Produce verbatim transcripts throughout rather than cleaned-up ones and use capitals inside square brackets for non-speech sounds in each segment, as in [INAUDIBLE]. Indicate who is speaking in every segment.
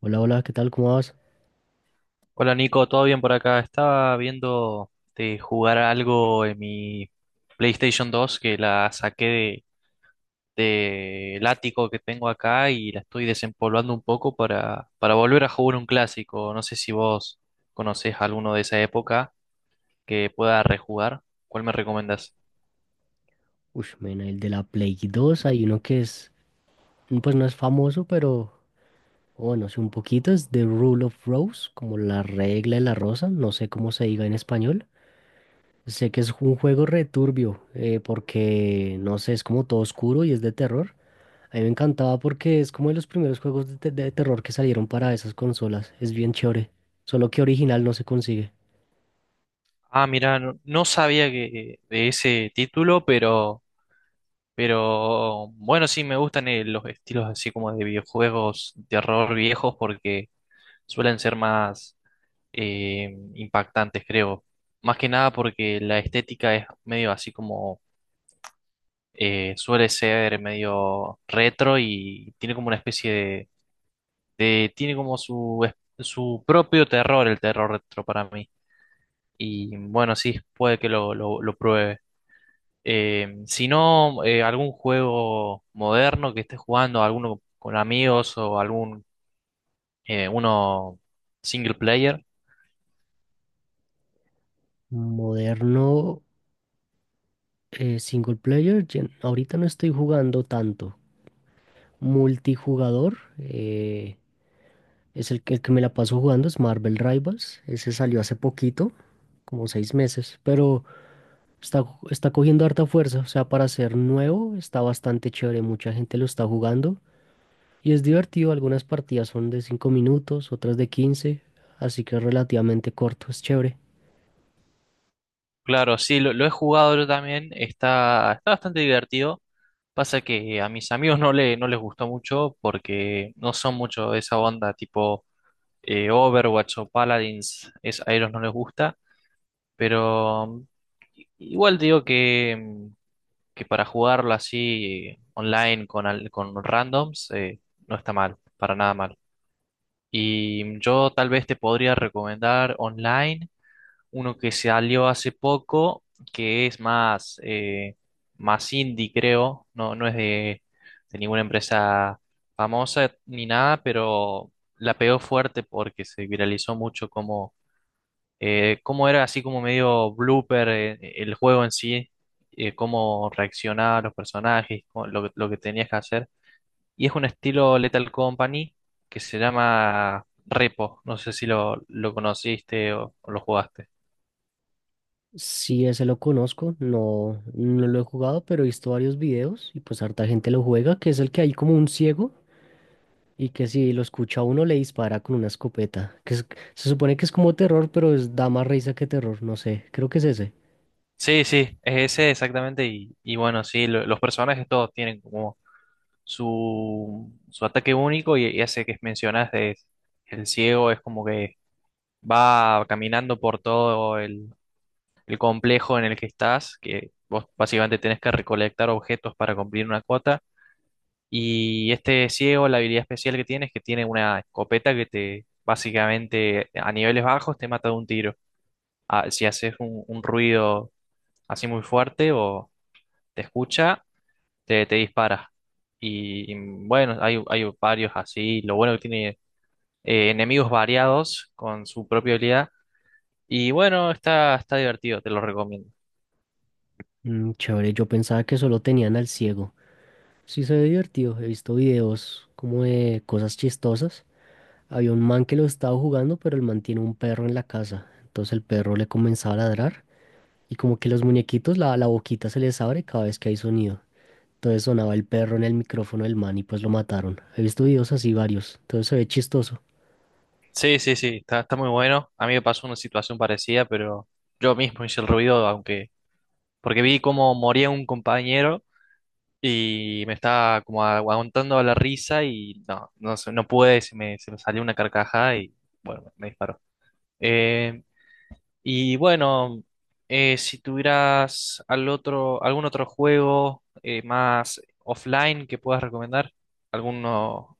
Speaker 1: Hola, hola, ¿qué tal? ¿Cómo vas?
Speaker 2: Hola Nico, ¿todo bien por acá? Estaba viendo de jugar algo en mi PlayStation dos que la saqué de, del ático que tengo acá y la estoy desempolvando un poco para, para, volver a jugar un clásico. No sé si vos conocés alguno de esa época que pueda rejugar. ¿Cuál me recomendás?
Speaker 1: Uy, mena, el de la Play dos, hay uno que es, pues no es famoso, pero bueno, sí un poquito, es The Rule of Rose, como la regla de la rosa, no sé cómo se diga en español. Sé que es un juego returbio, porque no sé, es como todo oscuro y es de terror. A mí me encantaba porque es como de los primeros juegos de, te- de terror que salieron para esas consolas, es bien chévere, solo que original no se consigue.
Speaker 2: Ah, mira, no, no sabía que, de ese título, pero, pero bueno, sí me gustan eh, los estilos así como de videojuegos de terror viejos porque suelen ser más eh, impactantes, creo. Más que nada porque la estética es medio así como eh, suele ser medio retro y tiene como una especie de, de- tiene como su, es- su propio terror, el terror retro para mí. Y bueno, sí, puede que lo, lo, lo pruebe. Eh, si no, eh, algún juego moderno que esté jugando, alguno con amigos o algún eh, uno single player.
Speaker 1: Moderno, eh, single player, gen- ahorita no estoy jugando tanto. Multijugador eh, es el que, el que me la paso jugando, es Marvel Rivals. Ese salió hace poquito, como seis meses, pero está, está cogiendo harta fuerza. O sea, para ser nuevo está bastante chévere. Mucha gente lo está jugando y es divertido. Algunas partidas son de cinco minutos, otras de quince, así que es relativamente corto, es chévere.
Speaker 2: Claro, sí, lo, lo he jugado yo también, está, está bastante divertido. Pasa que a mis amigos no, le, no les gustó mucho porque no son mucho de esa onda tipo eh, Overwatch o Paladins, es, a ellos no les gusta, pero mm, igual digo que, mm, que para jugarlo así eh, online con, al- con randoms eh, no está mal, para nada mal. Y yo tal vez te podría recomendar online uno que salió hace poco, que es más, eh, más indie, creo, no, no es de, de ninguna empresa famosa ni nada, pero la pegó fuerte porque se viralizó mucho como, eh, cómo era así como medio blooper eh, el juego en sí, eh, cómo reaccionaban los personajes, cómo- lo, que- lo que tenías que hacer. Y es un estilo Lethal Company que se llama Repo, no sé si lo, lo conociste o o lo jugaste.
Speaker 1: Sí, ese lo conozco, no, no lo he jugado, pero he visto varios videos y pues harta gente lo juega, que es el que hay como un ciego y que si lo escucha uno le dispara con una escopeta. Que es- se supone que es como terror, pero es, da más risa que terror. No sé, creo que es ese.
Speaker 2: Sí, sí, es ese exactamente. Y, y bueno, sí, lo- los personajes todos tienen como su, su ataque único y, y ese que mencionás de el ciego es como que va caminando por todo el, el complejo en el que estás, que vos básicamente tenés que recolectar objetos para cumplir una cuota. Y este ciego, la habilidad especial que tiene es que tiene una escopeta que te básicamente a niveles bajos te mata de un tiro. Ah, si haces un un ruido así muy fuerte o te escucha te, te dispara. Y bueno, hay, hay varios así. Lo bueno que tiene eh, enemigos variados con su propia habilidad. Y bueno, está, está divertido, te lo recomiendo.
Speaker 1: Mm, chévere, yo pensaba que solo tenían al ciego. Sí, se ve divertido. He visto videos como de cosas chistosas. Había un man que lo estaba jugando, pero el man tiene un perro en la casa. Entonces el perro le comenzaba a ladrar, y como que los muñequitos, la, la boquita se les abre cada vez que hay sonido. Entonces sonaba el perro en el micrófono del man y pues lo mataron. He visto videos así varios. Entonces se ve chistoso.
Speaker 2: Sí, sí, sí, está, está muy bueno. A mí me pasó una situación parecida, pero yo mismo hice el ruido, aunque. Porque vi cómo moría un compañero y me estaba como aguantando la risa y no, no, sé, no pude, se me, se me salió una carcajada y bueno, me disparó. Eh, Y bueno, eh, si tuvieras al otro, algún otro juego eh, más offline que puedas recomendar, alguno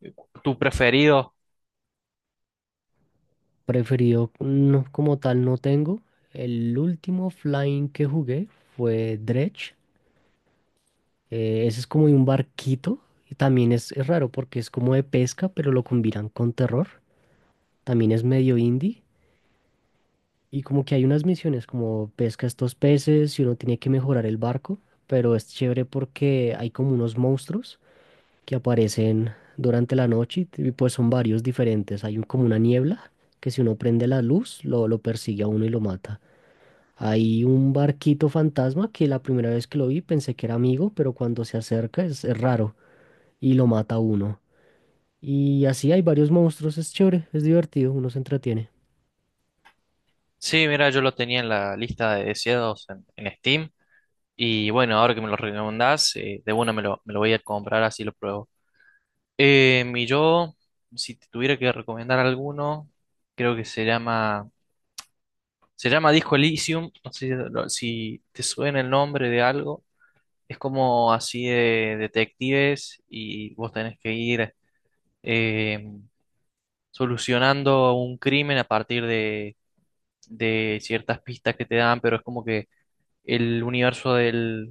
Speaker 2: eh, tu preferido.
Speaker 1: Preferido no, como tal no tengo. El último flying que jugué fue Dredge. Eh, ese es como de un barquito. Y también es, es raro porque es como de pesca, pero lo combinan con terror. También es medio indie. Y como que hay unas misiones como pesca estos peces y uno tiene que mejorar el barco. Pero es chévere porque hay como unos monstruos que aparecen durante la noche y t- y pues son varios diferentes. Hay un- como una niebla que si uno prende la luz lo, lo persigue a uno y lo mata. Hay un barquito fantasma que la primera vez que lo vi pensé que era amigo, pero cuando se acerca es, es raro y lo mata a uno. Y así hay varios monstruos, es chévere, es divertido, uno se entretiene.
Speaker 2: Sí, mira, yo lo tenía en la lista de deseados en, en Steam. Y bueno, ahora que me lo recomendás, eh, de una me lo, me lo voy a comprar, así lo pruebo. Eh, y yo, si te tuviera que recomendar alguno, creo que se llama, se llama Disco Elysium. No sé si si te suena el nombre de algo. Es como así de detectives y vos tenés que ir eh, solucionando un crimen a partir de, de ciertas pistas que te dan, pero es como que el universo del,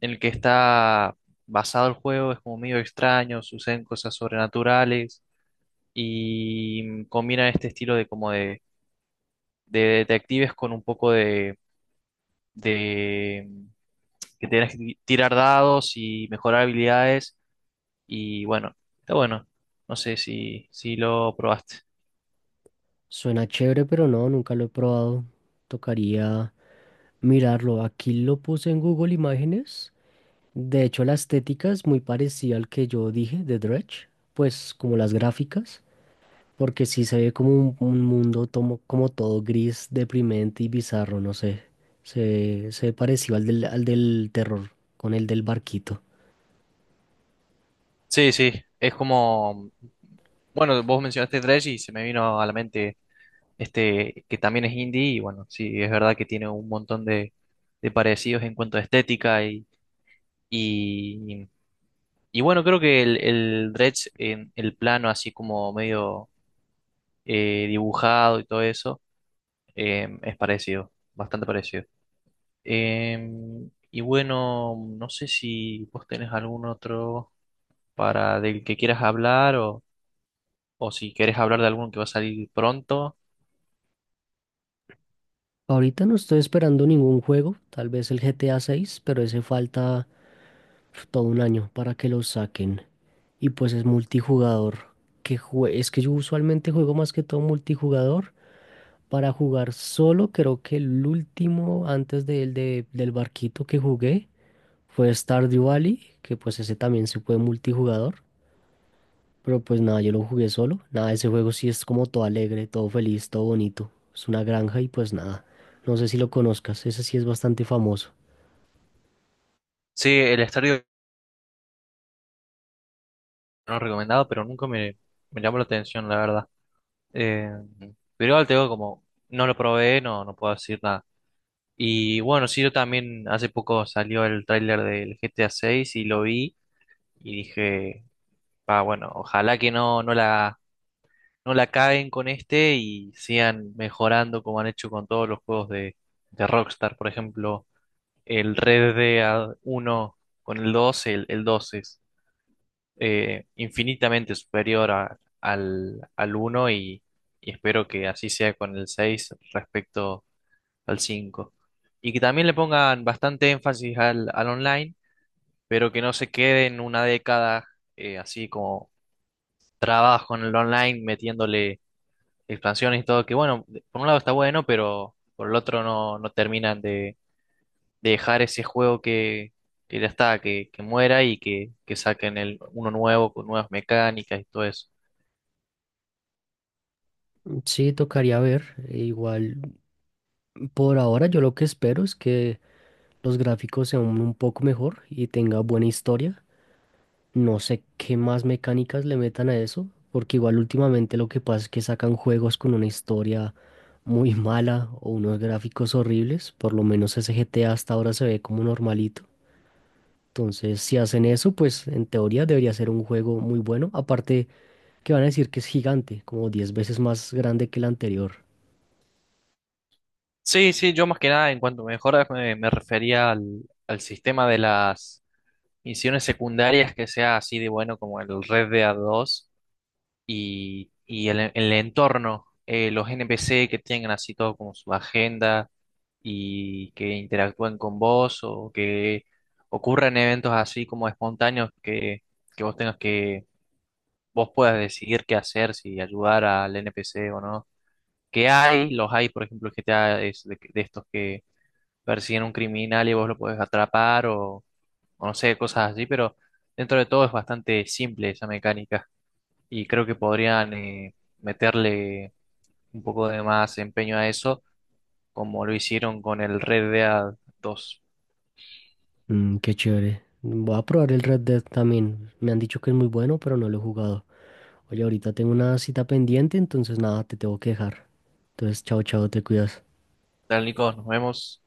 Speaker 2: en el que está basado el juego es como medio extraño, suceden cosas sobrenaturales y combina este estilo de como de, de detectives con un poco de, de que tenés que tirar dados y mejorar habilidades. Y bueno, está bueno. No sé si, si lo probaste.
Speaker 1: Suena chévere, pero no, nunca lo he probado. Tocaría mirarlo. Aquí lo puse en Google Imágenes. De hecho, la estética es muy parecida al que yo dije de Dredge, pues como las gráficas. Porque sí se ve como un, un mundo tomo- como todo gris, deprimente y bizarro, no sé. Se, se ve parecido al del, al del terror, con el del barquito.
Speaker 2: Sí, sí, es como. Bueno, vos mencionaste Dredge y se me vino a la mente este que también es indie y bueno, sí, es verdad que tiene un montón de, de parecidos en cuanto a estética y, y, y bueno, creo que el, el Dredge en el plano así como medio eh, dibujado y todo eso eh, es parecido, bastante parecido. Em, y bueno, no sé si vos tenés algún otro para del que quieras hablar o, o si querés hablar de alguno que va a salir pronto.
Speaker 1: Ahorita no estoy esperando ningún juego, tal vez el G T A seis, pero ese falta uf, todo un año para que lo saquen. Y pues es multijugador. Que jue- es que yo usualmente juego más que todo multijugador. Para jugar solo, creo que el último antes del de- del barquito que jugué fue Stardew Valley, que pues ese también se puede multijugador, pero pues nada, yo lo jugué solo. Nada, ese juego sí es como todo alegre, todo feliz, todo bonito. Es una granja y pues nada. No sé si lo conozcas, ese sí es bastante famoso.
Speaker 2: Sí, el estadio no recomendado, pero nunca me, me llamó la atención, la verdad. Em, pero igual te digo, como no lo probé, no, no puedo decir nada. Y bueno, sí, yo también hace poco salió el tráiler del G T A seis y lo vi y dije, ah, bueno, ojalá que no, no la no la caguen con este y sigan mejorando como han hecho con todos los juegos de, de Rockstar. Por ejemplo, el Red Dead uno con el dos el, el dos es eh, infinitamente superior a- al, al uno y, y espero que así sea con el seis respecto al cinco. Y que también le pongan bastante énfasis al, al online, pero que no se quede en una década eh, así como trabajo en el online metiéndole expansiones y todo, que bueno, de- por un lado está bueno, pero por el otro no, no terminan de, de dejar ese juego que, que ya está, que, que muera y que, que saquen el, uno nuevo con nuevas mecánicas y todo eso.
Speaker 1: Sí, tocaría ver. E igual, por ahora yo lo que espero es que los gráficos sean un poco mejor y tenga buena historia. No sé qué más mecánicas le metan a eso, porque igual últimamente lo que pasa es que sacan juegos con una historia muy [LAUGHS] mala o unos gráficos horribles, por lo menos ese G T A hasta ahora se ve como normalito. Entonces, si hacen eso, pues en teoría debería ser un juego muy bueno, aparte que van a decir que es gigante, como diez veces más grande que el anterior.
Speaker 2: Sí, sí, yo más que nada en cuanto a mejoras me, me refería al, al sistema de las misiones secundarias que sea así de bueno como el Red Dead dos y, y el, el entorno, eh, los N P C que tengan así todo como su agenda y que interactúen con vos o que ocurran eventos así como espontáneos que, que vos tengas que, vos puedas decidir qué hacer, si ayudar al N P C o no. Que hay, los hay, por ejemplo, el G T A es de, de estos que persiguen un criminal y vos lo podés atrapar o, o no sé, cosas así, pero dentro de todo es bastante simple esa mecánica y creo que podrían eh, meterle un poco de más empeño a eso, como lo hicieron con el Red Dead dos.
Speaker 1: Mm, qué chévere. Voy a probar el Red Dead también. Me han dicho que es muy bueno, pero no lo he jugado. Oye, ahorita tengo una cita pendiente, entonces nada, te tengo que dejar. Entonces, chao, chao, te cuidas.
Speaker 2: Tal, Nico, nos vemos.